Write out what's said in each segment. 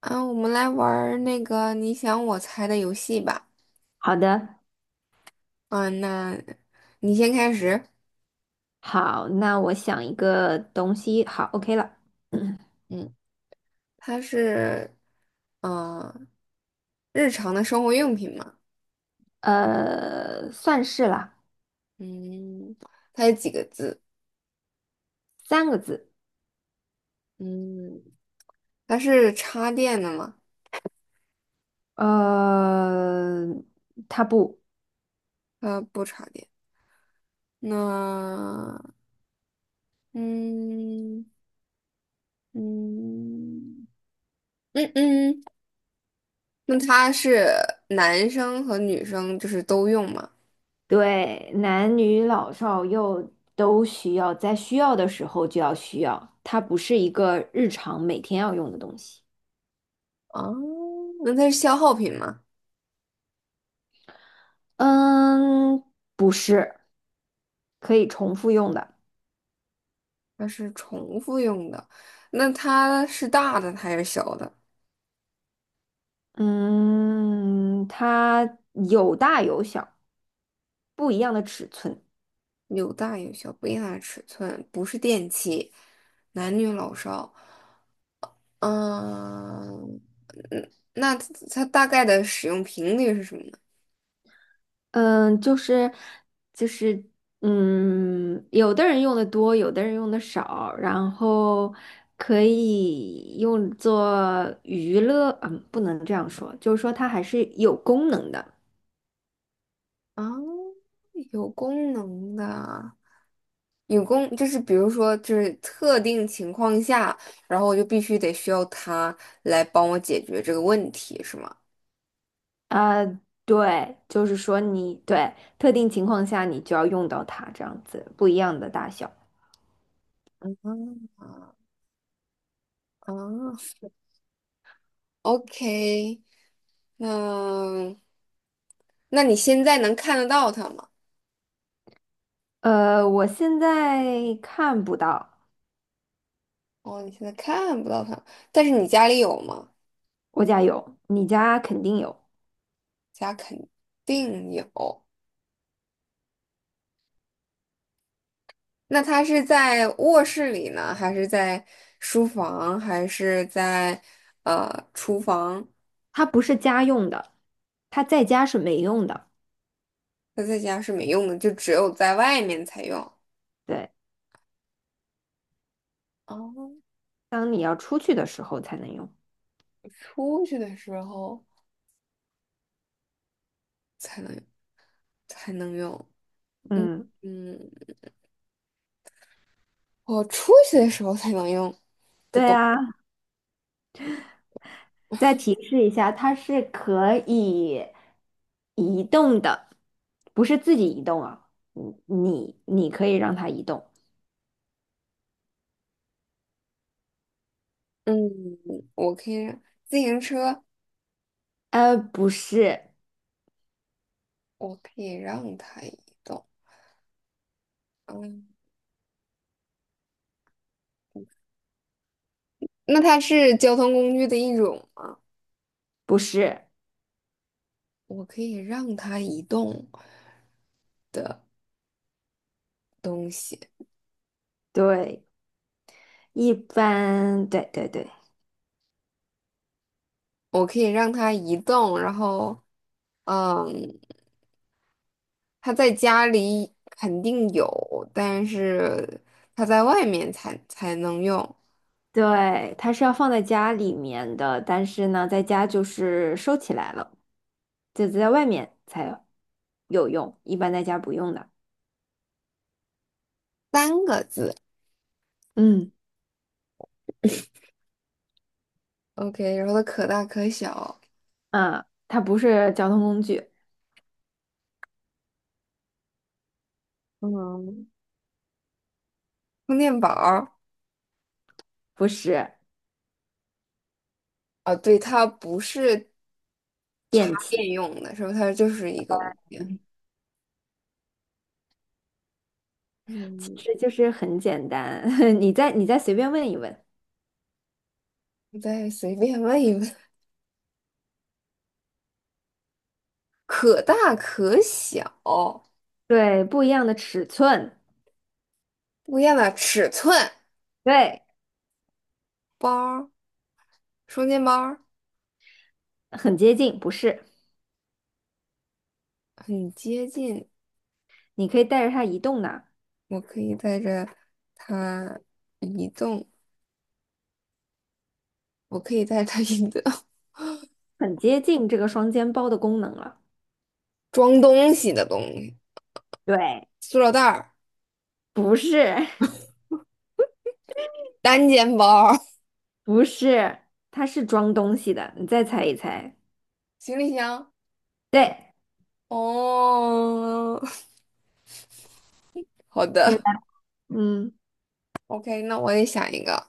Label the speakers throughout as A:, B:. A: 啊，我们来玩儿那个你想我猜的游戏吧。
B: 好的，
A: 嗯，那你先开始。
B: 好，那我想一个东西，好，OK 了，
A: 嗯，它是，呃，日常的生活用品嘛。
B: 呃，算是啦，
A: 嗯，它有几个字？
B: 三个字，
A: 嗯，它是插电的吗？
B: 呃，它不
A: 它不插电。那，嗯嗯嗯嗯，那它是男生和女生就是都用吗？
B: 对，男女老少幼都需要，在需要的时候就要需要，它不是一个日常每天要用的东西，
A: 啊，那它是消耗品吗？
B: 嗯，不是，可以重复用的，
A: 它是重复用的，那它是大的还是小的？
B: 嗯，它有大有小，不一样的尺寸。
A: 有大有小，不一样的尺寸，不是电器，男女老少。嗯嗯，那它大概的使用频率是什么呢？
B: 嗯，就是就是，有的人用的多，有的人用的少，然后可以用作娱乐，嗯，不能这样说，就是说它还是有功能的。
A: 啊，有功能的，有功就是比如说就是特定情况下，然后我就必须得需要它来帮我解决这个问题，是吗？
B: 呃，对，就是说特定情况下你就要用到它，这样子不一样的大小。
A: 啊，OK。嗯，那你现在能看得到它吗？
B: 呃，我现在看不到，
A: 哦，你现在看不到它，但是你家里有吗？
B: 我家有，你家肯定有，
A: 家肯定有。那它是在卧室里呢，还是在书房，还是在厨房？
B: 它不是家用的，它在家是没用的。
A: 它在家是没用的，就只有在外面才用。
B: 对。
A: 哦，
B: 当你要出去的时候才能用。
A: 出去的时候才能才能用。嗯
B: 嗯，
A: 嗯，我出去的时候才能用的
B: 对
A: 东。
B: 啊，再提示一下，它是可以移动的，不是自己移动啊，嗯你可以让它移动。
A: 嗯，我可以让自行车。
B: 呃，不是，
A: 我可以让它移动。嗯，那它是交通工具的一种吗？
B: 不是，
A: 我可以让它移动东西，
B: 对，一般，对对对
A: 我可以让它移动，然后，嗯，它在家里肯定有，但是它在外面才能用。
B: 对，它是要放在家里面的，但是呢，在家就是收起来了，就在外面才有用，一般在家不用的。
A: 三个字
B: 嗯
A: ，OK，然后它可大可小，
B: 啊，它不是交通工具，
A: 嗯，充电宝儿，
B: 不是
A: 啊，对，它不是插
B: 电器，
A: 电用的，是吧？它就是一个物件。
B: 嗯其
A: 嗯，
B: 实就是很简单，你再随便问一问，
A: 我再随便问一问。可大可小，
B: 对，不一样的尺寸，
A: 不一样的尺寸，
B: 对，
A: 包儿，双肩包儿，
B: 很接近，不是，
A: 很接近。
B: 你可以带着它移动的，
A: 我可以带着它移动，我可以带着它移动，
B: 很接近这个双肩包的功能了，
A: 装东西的东西，
B: 对，
A: 塑料袋儿，
B: 不是，
A: 单肩包儿，
B: 不是，它是装东西的，你再猜一猜，
A: 行李箱。
B: 对，
A: 哦，好
B: 你来，
A: 的
B: 嗯，
A: ，OK，那我也想一个，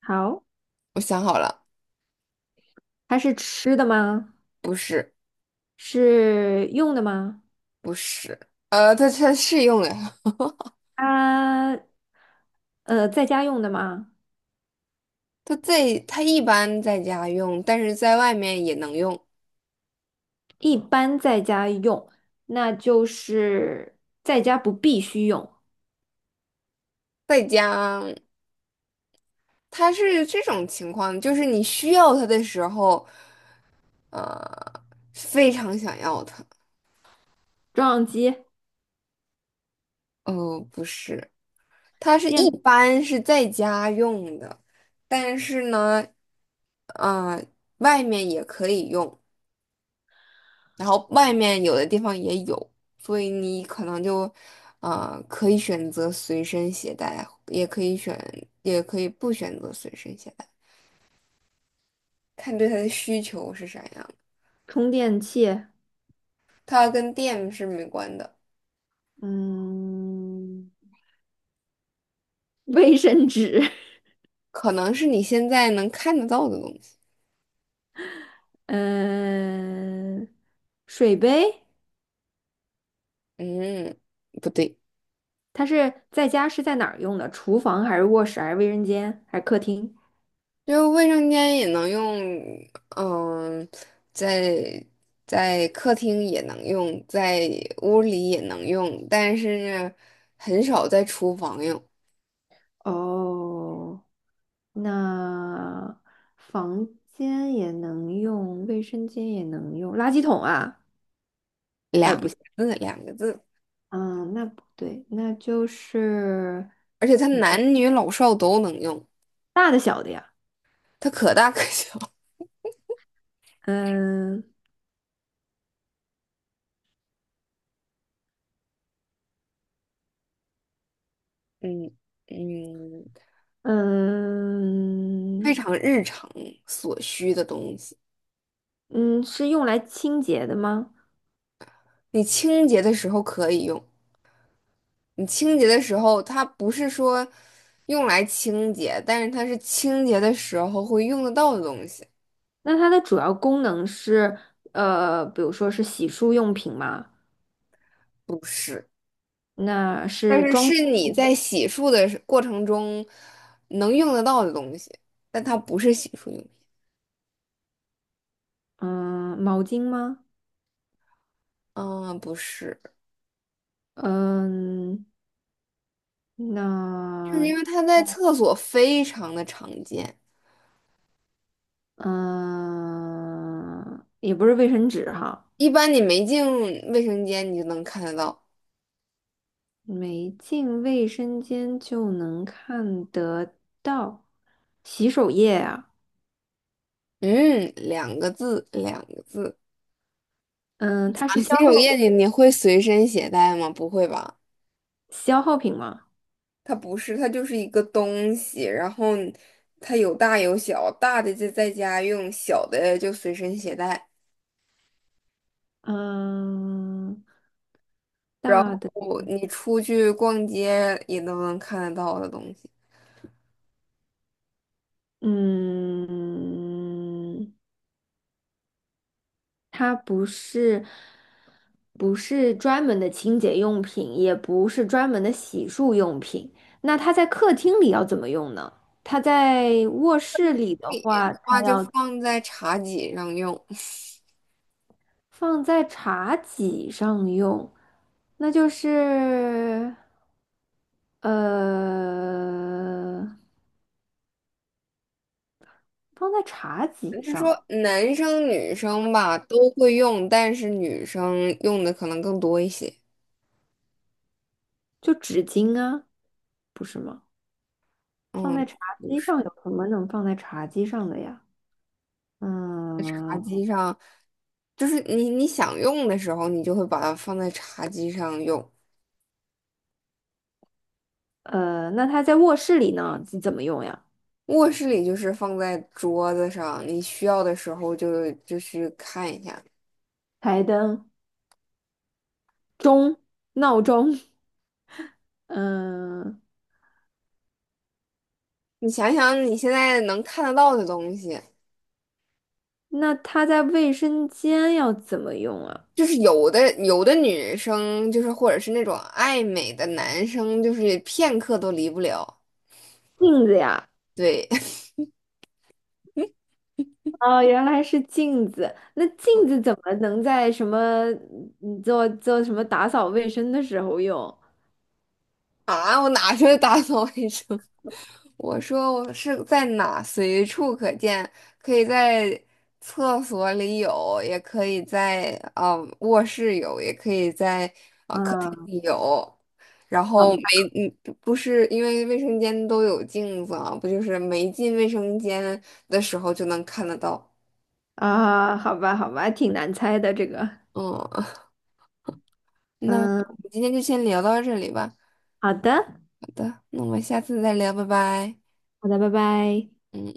B: 好，
A: 我想好了，
B: 它是吃的吗？
A: 不是，
B: 是用的吗？
A: 不是，它是用的，
B: 它，呃，在家用的吗？
A: 它一般在家用，但是在外面也能用。
B: 一般在家用，那就是在家不必须用，
A: 在家，它是这种情况，就是你需要它的时候，呃，非常想要它。
B: 照相机、
A: 不是，它是一
B: 电
A: 般是在家用的，但是呢，呃，外面也可以用，然后外面有的地方也有，所以你可能就，可以选择随身携带，也可以选，也可以不选择随身携带，看对它的需求是啥样。
B: 充电器，
A: 它跟电是没关的，
B: 嗯，卫生纸，
A: 可能是你现在能看得到的东西。
B: 嗯，水杯。
A: 嗯，不对，
B: 它是在家是在哪儿用的？厨房还是卧室还是卫生间还是客厅？
A: 就卫生间也能用，嗯，在在客厅也能用，在屋里也能用，但是呢很少在厨房用。
B: 哦，那房间也能用，卫生间也能用，垃圾桶啊。
A: 两个字，两个字，
B: 嗯，那不对，那就是
A: 而且它
B: 嗯
A: 男女老少都能用，
B: 大的小的呀，
A: 它可大可小。
B: 嗯
A: 嗯嗯，非
B: 嗯
A: 常日常所需的东西，
B: 嗯，是用来清洁的吗？
A: 你清洁的时候可以用。你清洁的时候，它不是说用来清洁，但是它是清洁的时候会用得到的东西，
B: 那它的主要功能是呃，比如说是洗漱用品吗？
A: 不是，
B: 那
A: 但
B: 是
A: 是
B: 装
A: 是你在洗漱的时过程中能用得到的东西，但它不是洗漱用品。
B: 嗯毛巾吗？
A: 啊，不是，
B: 嗯，
A: 就是因为
B: 那
A: 它在厕所非常的常见，
B: 嗯也不是卫生纸哈，
A: 一般你没进卫生间你就能看得到。
B: 没进卫生间就能看得到洗手液啊？
A: 嗯，两个字，两个字。
B: 嗯，它
A: 啊
B: 是
A: 洗手液你会随身携带吗？不会吧？
B: 消耗品吗？
A: 它不是，它就是一个东西，然后你它有大有小，大的就在家用，小的就随身携带，
B: 嗯，
A: 然
B: 大
A: 后
B: 的，
A: 你出去逛街也都能看得到的东西。
B: 嗯，它不是专门的清洁用品，也不是专门的洗漱用品。那它在客厅里要怎么用呢？它在卧室里的
A: 你的
B: 话，它
A: 话就
B: 要。
A: 放在茶几上用。
B: 放在茶几上用，那就是呃，放在茶几
A: 就
B: 上，
A: 说男生女生吧都会用，但是女生用的可能更多一些。
B: 就纸巾啊，不是吗？放在
A: 嗯，
B: 茶
A: 就
B: 几
A: 是
B: 上有什么能放在茶几上的呀？
A: 茶
B: 嗯，
A: 几上，就是你想用的时候，你就会把它放在茶几上用。
B: 呃，那它在卧室里呢，怎么用呀？
A: 卧室里就是放在桌子上，你需要的时候就去看一下。
B: 台灯、钟、闹钟，嗯，
A: 你想想你现在能看得到的东西，
B: 那它在卫生间要怎么用啊？
A: 就是有的女生就是或者是那种爱美的男生，就是片刻都离不了。
B: 镜子呀。
A: 对
B: 哦，原来是镜子。那镜子 怎么能在什么嗯做什么打扫卫生的时候用？
A: 啊，我哪是打扫卫生？我说我是在哪随处可见，可以在厕所里有，也可以在卧室有，也可以在客厅
B: 啊，
A: 里有。然
B: 好吧，
A: 后没嗯不不是因为卫生间都有镜子啊，不就是没进卫生间的时候就能看得到。
B: 啊，好吧，好吧，挺难猜的这个。
A: 嗯，那
B: 嗯，
A: 我们今天就先聊到这里吧。
B: 好的，
A: 好的，那我们下次再聊，拜拜。
B: 好的，拜拜。
A: 嗯。